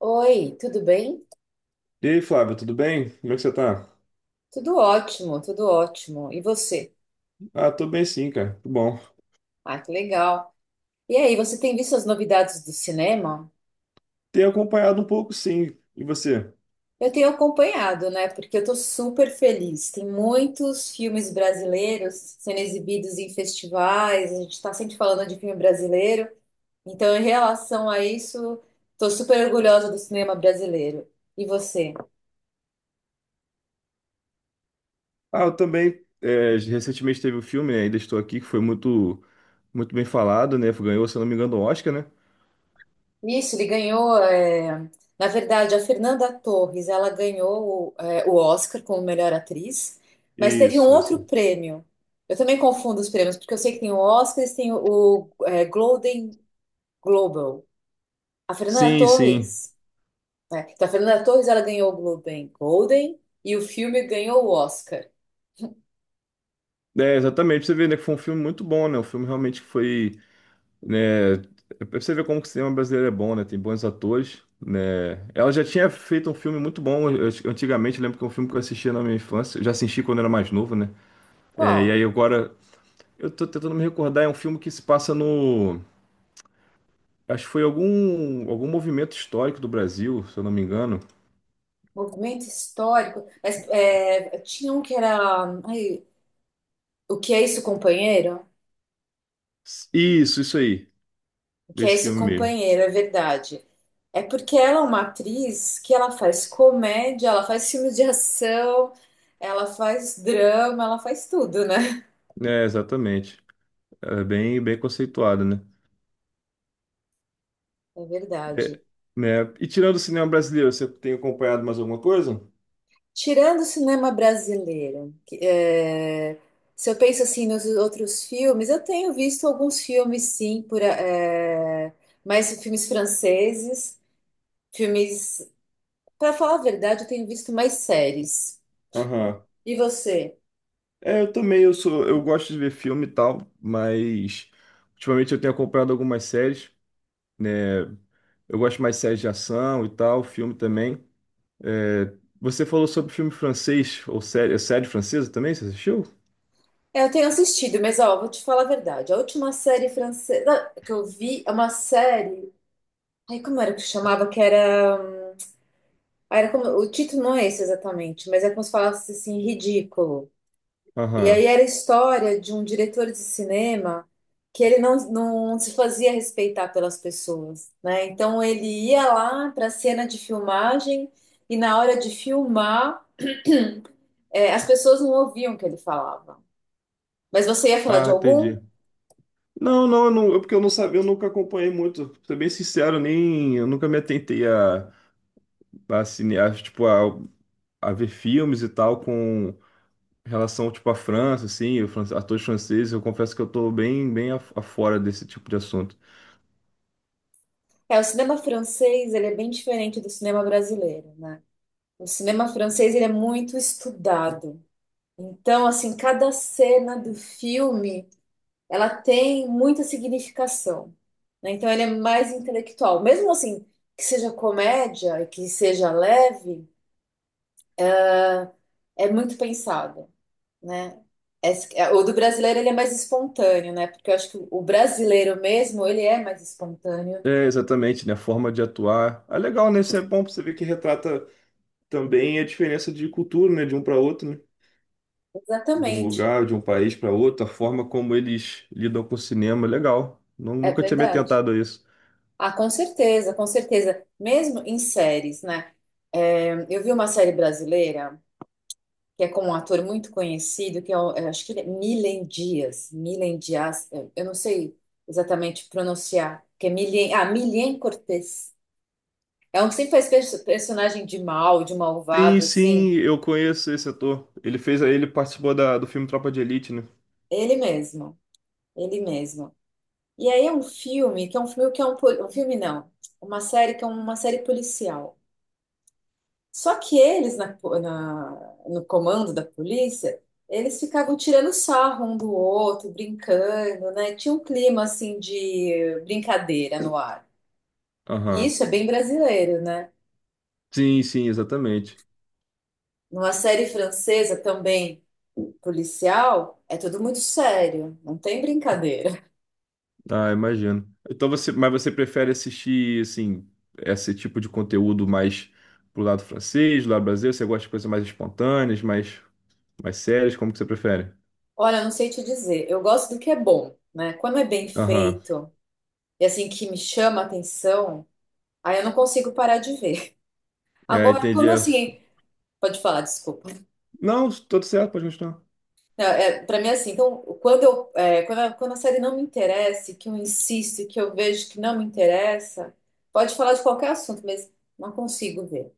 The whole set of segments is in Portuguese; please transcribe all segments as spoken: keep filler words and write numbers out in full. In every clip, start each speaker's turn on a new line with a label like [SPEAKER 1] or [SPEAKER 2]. [SPEAKER 1] Oi, tudo bem?
[SPEAKER 2] E aí, Flávio, tudo bem? Como é que você tá?
[SPEAKER 1] Tudo ótimo, tudo ótimo. E você?
[SPEAKER 2] Ah, tô bem sim, cara. Tudo bom.
[SPEAKER 1] Ah, que legal. E aí, você tem visto as novidades do cinema?
[SPEAKER 2] Tenho acompanhado um pouco, sim. E você?
[SPEAKER 1] Eu tenho acompanhado, né? Porque eu tô super feliz. Tem muitos filmes brasileiros sendo exibidos em festivais, a gente tá sempre falando de filme brasileiro. Então, em relação a isso, tô super orgulhosa do cinema brasileiro. E você?
[SPEAKER 2] Ah, eu também. É, recentemente teve o filme, né? Ainda Estou Aqui, que foi muito, muito bem falado, né? Ganhou, se eu não me engano, o Oscar, né?
[SPEAKER 1] Isso, ele ganhou. é, Na verdade, a Fernanda Torres, ela ganhou o, é, o Oscar como melhor atriz, mas teve um
[SPEAKER 2] Isso,
[SPEAKER 1] outro
[SPEAKER 2] isso.
[SPEAKER 1] prêmio. Eu também confundo os prêmios, porque eu sei que tem o Oscar e tem o, o, é, Golden Globe. A Fernanda
[SPEAKER 2] Sim, sim.
[SPEAKER 1] Torres, né, então, a Fernanda Torres, ela ganhou o Golden Golden e o filme ganhou o Oscar.
[SPEAKER 2] É, exatamente. Você vê, né, que foi um filme muito bom, né? O filme realmente foi, né? é Pra você ver como que o cinema brasileiro é bom, né? Tem bons atores, né? Ela já tinha feito um filme muito bom eu- antigamente. Eu lembro que é um filme que eu assistia na minha infância. Eu já assisti quando era mais novo, né? É, e
[SPEAKER 1] Qual?
[SPEAKER 2] aí agora, eu tô tentando me recordar, é um filme que se passa no. Acho que foi algum, algum movimento histórico do Brasil, se eu não me engano.
[SPEAKER 1] Movimento histórico. Mas é, tinha um que era. Ai, o que é isso, companheiro?
[SPEAKER 2] Isso, isso aí,
[SPEAKER 1] O que é
[SPEAKER 2] desse
[SPEAKER 1] isso,
[SPEAKER 2] filme mesmo.
[SPEAKER 1] companheiro, é verdade. É porque ela é uma atriz que ela faz comédia, ela faz filme de ação, ela faz drama, ela faz tudo, né?
[SPEAKER 2] É, exatamente. É bem, bem conceituado, né?
[SPEAKER 1] É
[SPEAKER 2] É,
[SPEAKER 1] verdade.
[SPEAKER 2] né? E tirando o cinema brasileiro, você tem acompanhado mais alguma coisa?
[SPEAKER 1] Tirando o cinema brasileiro, que, é, se eu penso assim nos outros filmes, eu tenho visto alguns filmes, sim, por, é, mais filmes franceses, filmes. Para falar a verdade, eu tenho visto mais séries.
[SPEAKER 2] Aham.
[SPEAKER 1] E você?
[SPEAKER 2] É, eu também, eu sou, eu gosto de ver filme e tal, mas ultimamente eu tenho acompanhado algumas séries, né? Eu gosto mais de séries de ação e tal, filme também. É, você falou sobre filme francês, ou série, é série francesa também? Você assistiu?
[SPEAKER 1] É, eu tenho assistido, mas ó, vou te falar a verdade. A última série francesa que eu vi é uma série. Ai, como era que chamava? Que era. hum, Era como O título não é esse exatamente, mas é como se falasse assim, ridículo. E aí
[SPEAKER 2] Aham.
[SPEAKER 1] era a história de um diretor de cinema que ele não, não se fazia respeitar pelas pessoas, né? Então ele ia lá para a cena de filmagem e na hora de filmar, é, as pessoas não ouviam o que ele falava. Mas você ia falar
[SPEAKER 2] Ah,
[SPEAKER 1] de algum?
[SPEAKER 2] entendi. Não, não, eu não, eu- porque eu não sabia, eu nunca acompanhei muito. Pra ser bem sincero, nem, eu nunca me atentei a, a, cine, a, tipo, a, a ver filmes e tal com relação, tipo, à França, assim, o fran- atores franceses. Eu confesso que eu tô bem, bem af- afora desse tipo de assunto.
[SPEAKER 1] É, o cinema francês, ele é bem diferente do cinema brasileiro, né? O cinema francês, ele é muito estudado. Então, assim, cada cena do filme, ela tem muita significação, né? Então, ele é mais intelectual. Mesmo assim, que seja comédia e que seja leve, é muito pensado, né? Esse- é, O do brasileiro, ele é mais espontâneo, né? Porque eu acho que o brasileiro mesmo, ele é mais espontâneo.
[SPEAKER 2] É, exatamente, né? A forma de atuar. É legal, né? Isso é bom pra você ver que retrata também a diferença de cultura, né? De um para outro, né? De um
[SPEAKER 1] Exatamente,
[SPEAKER 2] lugar, de um país para outro, a forma como eles lidam com o cinema, é legal. Nu-
[SPEAKER 1] é
[SPEAKER 2] Nunca tinha me
[SPEAKER 1] verdade.
[SPEAKER 2] atentado a isso.
[SPEAKER 1] Ah, com certeza, com certeza. Mesmo em séries, né? É, eu vi uma série brasileira que é com um ator muito conhecido, que é, o- é, acho que ele é Milen Dias. Milen Dias, é, eu não sei exatamente pronunciar, que é Milen, ah, Milen Cortez. É um que sempre faz perso- personagem de mal, de
[SPEAKER 2] Sim,
[SPEAKER 1] malvado, assim.
[SPEAKER 2] sim, eu conheço esse ator. Ele fez, ele participou da, do filme Tropa de Elite, né?
[SPEAKER 1] Ele mesmo, ele mesmo. E aí é um filme, que é um filme que é um, pol- um filme não, uma série que é uma série policial. Só que eles, na, na- no comando da polícia, eles ficavam tirando sarro um do outro, brincando, né? Tinha um clima, assim, de brincadeira no ar. E
[SPEAKER 2] Aham.
[SPEAKER 1] isso é bem brasileiro, né?
[SPEAKER 2] Sim, sim, exatamente.
[SPEAKER 1] Numa série francesa também, policial, é tudo muito sério, não tem brincadeira.
[SPEAKER 2] Ah, imagino. Então você, mas você prefere assistir assim esse tipo de conteúdo mais pro lado francês, do lado brasileiro? Você gosta de coisas mais espontâneas, mais mais sérias? Como que você prefere?
[SPEAKER 1] Olha, eu não sei te dizer, eu gosto do que é bom, né? Quando é bem
[SPEAKER 2] Aham.
[SPEAKER 1] feito e, assim, que me chama a atenção, aí eu não consigo parar de ver.
[SPEAKER 2] É,
[SPEAKER 1] Agora,
[SPEAKER 2] entendi.
[SPEAKER 1] quando,
[SPEAKER 2] É,
[SPEAKER 1] assim, pode falar, desculpa.
[SPEAKER 2] não, tudo certo, pode continuar.
[SPEAKER 1] Não, é, para mim é assim, então, quando eu, é, quando a, quando a série não me interessa, e que eu insisto, e que eu vejo que não me interessa, pode falar de qualquer assunto, mas não consigo ver.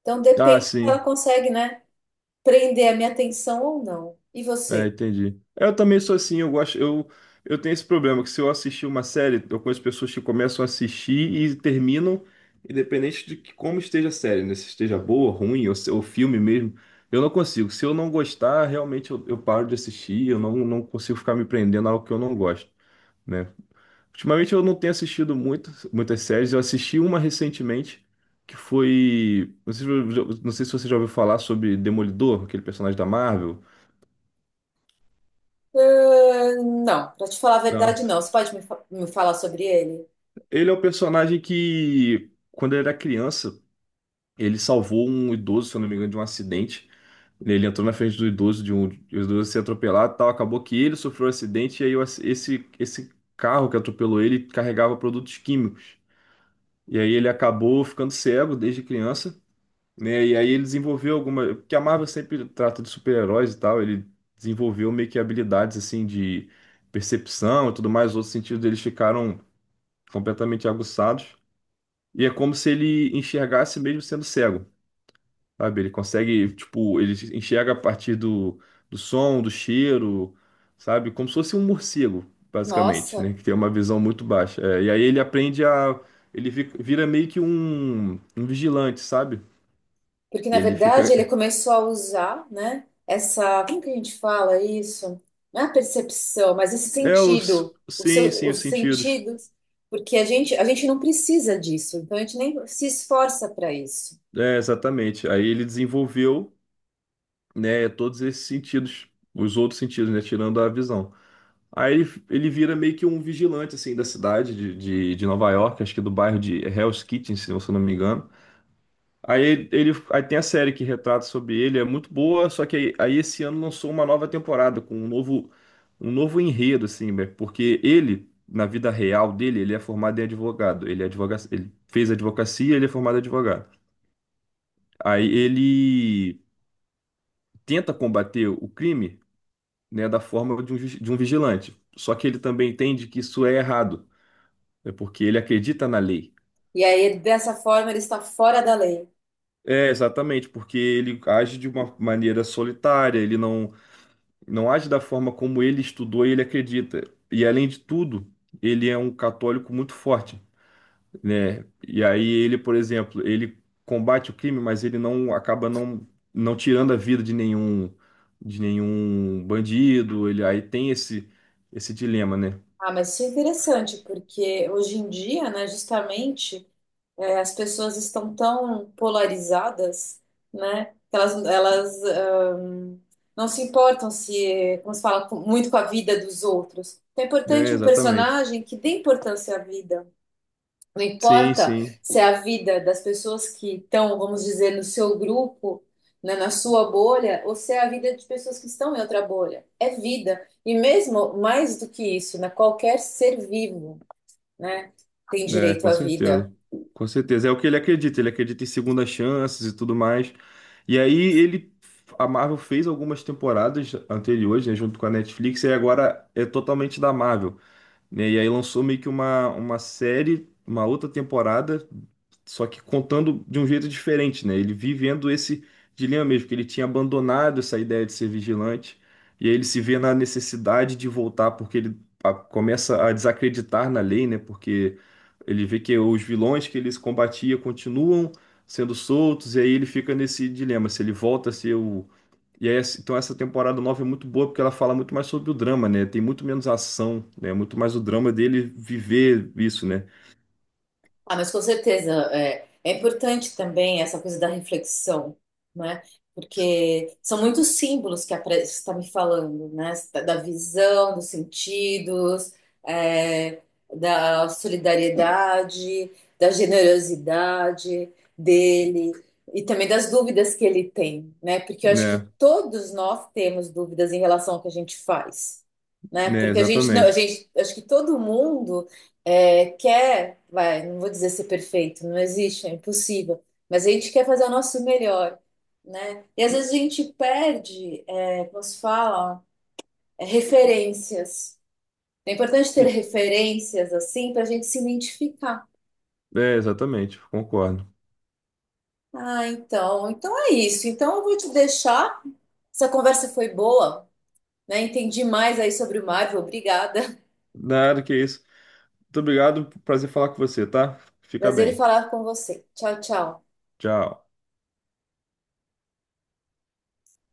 [SPEAKER 1] Então
[SPEAKER 2] Ah,
[SPEAKER 1] depende se ela
[SPEAKER 2] sim.
[SPEAKER 1] consegue, né, prender a minha atenção ou não. E
[SPEAKER 2] É,
[SPEAKER 1] você?
[SPEAKER 2] entendi. Eu também sou assim, eu gosto, eu, eu tenho esse problema, que se eu assistir uma série, eu conheço pessoas que começam a assistir e terminam, independente de que, como esteja a série, né? Se esteja boa, ruim, ou, se- ou filme mesmo, eu não consigo. Se eu não gostar, realmente eu, eu paro de assistir, eu não, não consigo ficar me prendendo a algo que eu não gosto, né? Ultimamente eu não tenho assistido muito, muitas séries, eu assisti uma recentemente, que foi, não sei, se- não sei se você já ouviu falar sobre Demolidor, aquele personagem da Marvel.
[SPEAKER 1] Ah, não, para te falar a
[SPEAKER 2] Não.
[SPEAKER 1] verdade, não. Você pode me, fa- me falar sobre ele?
[SPEAKER 2] Ele é o personagem que, quando ele era criança, ele salvou um idoso, se eu não me engano, de um acidente. Ele entrou na frente do idoso, de um, e o idoso se atropelado e tal. Acabou que ele sofreu um acidente, e aí o ac- esse, esse carro que atropelou ele carregava produtos químicos. E aí ele acabou ficando cego desde criança, né? E aí ele desenvolveu alguma. Porque a Marvel sempre trata de super-heróis e tal. Ele desenvolveu meio que habilidades assim de percepção e tudo mais. Outros sentidos deles ficaram completamente aguçados. E é como se ele enxergasse mesmo sendo cego, sabe? Ele consegue, tipo, ele enxerga a partir do, do som, do cheiro, sabe? Como se fosse um morcego, basicamente,
[SPEAKER 1] Nossa,
[SPEAKER 2] né? Que tem uma visão muito baixa. É, e aí ele aprende a. Ele vi- vira meio que um, um vigilante, sabe?
[SPEAKER 1] porque, na
[SPEAKER 2] Ele
[SPEAKER 1] verdade, ele
[SPEAKER 2] fica.
[SPEAKER 1] começou a usar, né, essa, como que a gente fala isso? Não é a percepção, mas esse
[SPEAKER 2] É, os.
[SPEAKER 1] sentido, o
[SPEAKER 2] Sim,
[SPEAKER 1] seu,
[SPEAKER 2] sim, os
[SPEAKER 1] os
[SPEAKER 2] sentidos.
[SPEAKER 1] sentidos, porque a gente, a gente não precisa disso, então a gente nem se esforça para isso.
[SPEAKER 2] É, exatamente. Aí ele desenvolveu, né, todos esses sentidos, os outros sentidos, né? Tirando a visão. Aí ele, ele vira meio que um vigilante, assim, da cidade de, de, de Nova York, acho que do bairro de Hell's Kitchen, se eu não me engano. Aí ele, ele- aí tem a série que retrata sobre ele, é muito boa, só que aí, aí esse ano lançou uma nova temporada com um novo, um novo enredo, assim, né? Porque ele, na vida real dele, ele é formado em advogado, ele, é advoga, ele fez advocacia, ele é formado em advogado. Aí ele tenta combater o crime, né, da forma de um, ju- de um vigilante, só que ele também entende que isso é errado. É porque ele acredita na lei.
[SPEAKER 1] E aí, dessa forma, ele está fora da lei.
[SPEAKER 2] É, exatamente, porque ele age de uma maneira solitária, ele não, não age da forma como ele estudou e ele acredita. E além de tudo, ele é um católico muito forte, né? E aí ele, por exemplo, ele combate o crime, mas ele não acaba não, não tirando a vida de nenhum de nenhum bandido, ele aí tem esse esse dilema, né?
[SPEAKER 1] Ah, mas isso é interessante, porque hoje em dia, né, justamente. É, as pessoas estão tão polarizadas, né? Que elas, elas ãh, não se importam se, como se fala, com- muito com a vida dos outros. Então é
[SPEAKER 2] É,
[SPEAKER 1] importante um
[SPEAKER 2] exatamente.
[SPEAKER 1] personagem que dê importância à vida. Não
[SPEAKER 2] Sim,
[SPEAKER 1] importa
[SPEAKER 2] sim.
[SPEAKER 1] se é a vida das pessoas que estão, vamos dizer, no seu grupo, né, na sua bolha, ou se é a vida de pessoas que estão em outra bolha. É vida. E mesmo mais do que isso, né? Qualquer ser vivo, né, tem
[SPEAKER 2] É,
[SPEAKER 1] direito
[SPEAKER 2] com
[SPEAKER 1] à vida.
[SPEAKER 2] certeza. Com certeza. É o que ele acredita. Ele acredita em segundas chances e tudo mais. E aí ele. A Marvel fez algumas temporadas anteriores, né, junto com a Netflix, e agora é totalmente da Marvel, né? E aí lançou meio que uma, uma série, uma outra temporada, só que contando de um jeito diferente, né? Ele vivendo esse dilema mesmo, que ele tinha abandonado essa ideia de ser vigilante, e aí ele se vê na necessidade de voltar, porque ele a- começa a desacreditar na lei, né? Porque ele vê que os vilões que eles combatia continuam sendo soltos, e aí ele fica nesse dilema, se ele volta a ser o e aí, assim, então essa temporada nova é muito boa porque ela fala muito mais sobre o drama, né? Tem muito menos ação, né? Muito mais o drama dele viver isso, né?
[SPEAKER 1] Ah, mas com certeza é, é importante também essa coisa da reflexão, né? Porque são muitos símbolos que apare- você está me falando, né? Você tá- Da visão, dos sentidos, é, da solidariedade, da generosidade dele e também das dúvidas que ele tem, né? Porque eu acho que
[SPEAKER 2] Né?
[SPEAKER 1] todos nós temos dúvidas em relação ao que a gente faz, né?
[SPEAKER 2] Né,
[SPEAKER 1] Porque a gente não, a
[SPEAKER 2] exatamente.
[SPEAKER 1] gente, acho que todo mundo é, quer, vai, não vou dizer ser perfeito, não existe, é impossível, mas a gente quer fazer o nosso melhor, né? E às vezes a gente perde, é, como se fala, é, referências. É importante ter
[SPEAKER 2] E-
[SPEAKER 1] referências assim para a gente se identificar.
[SPEAKER 2] é, exatamente, concordo.
[SPEAKER 1] Ah, então, então é isso. Então eu vou te deixar. Essa conversa foi boa, né? Entendi mais aí sobre o Marvel. Obrigada.
[SPEAKER 2] Nada que isso. Muito obrigado, prazer falar com você, tá? Fica
[SPEAKER 1] Prazer em
[SPEAKER 2] bem.
[SPEAKER 1] falar com você. Tchau, tchau.
[SPEAKER 2] Tchau.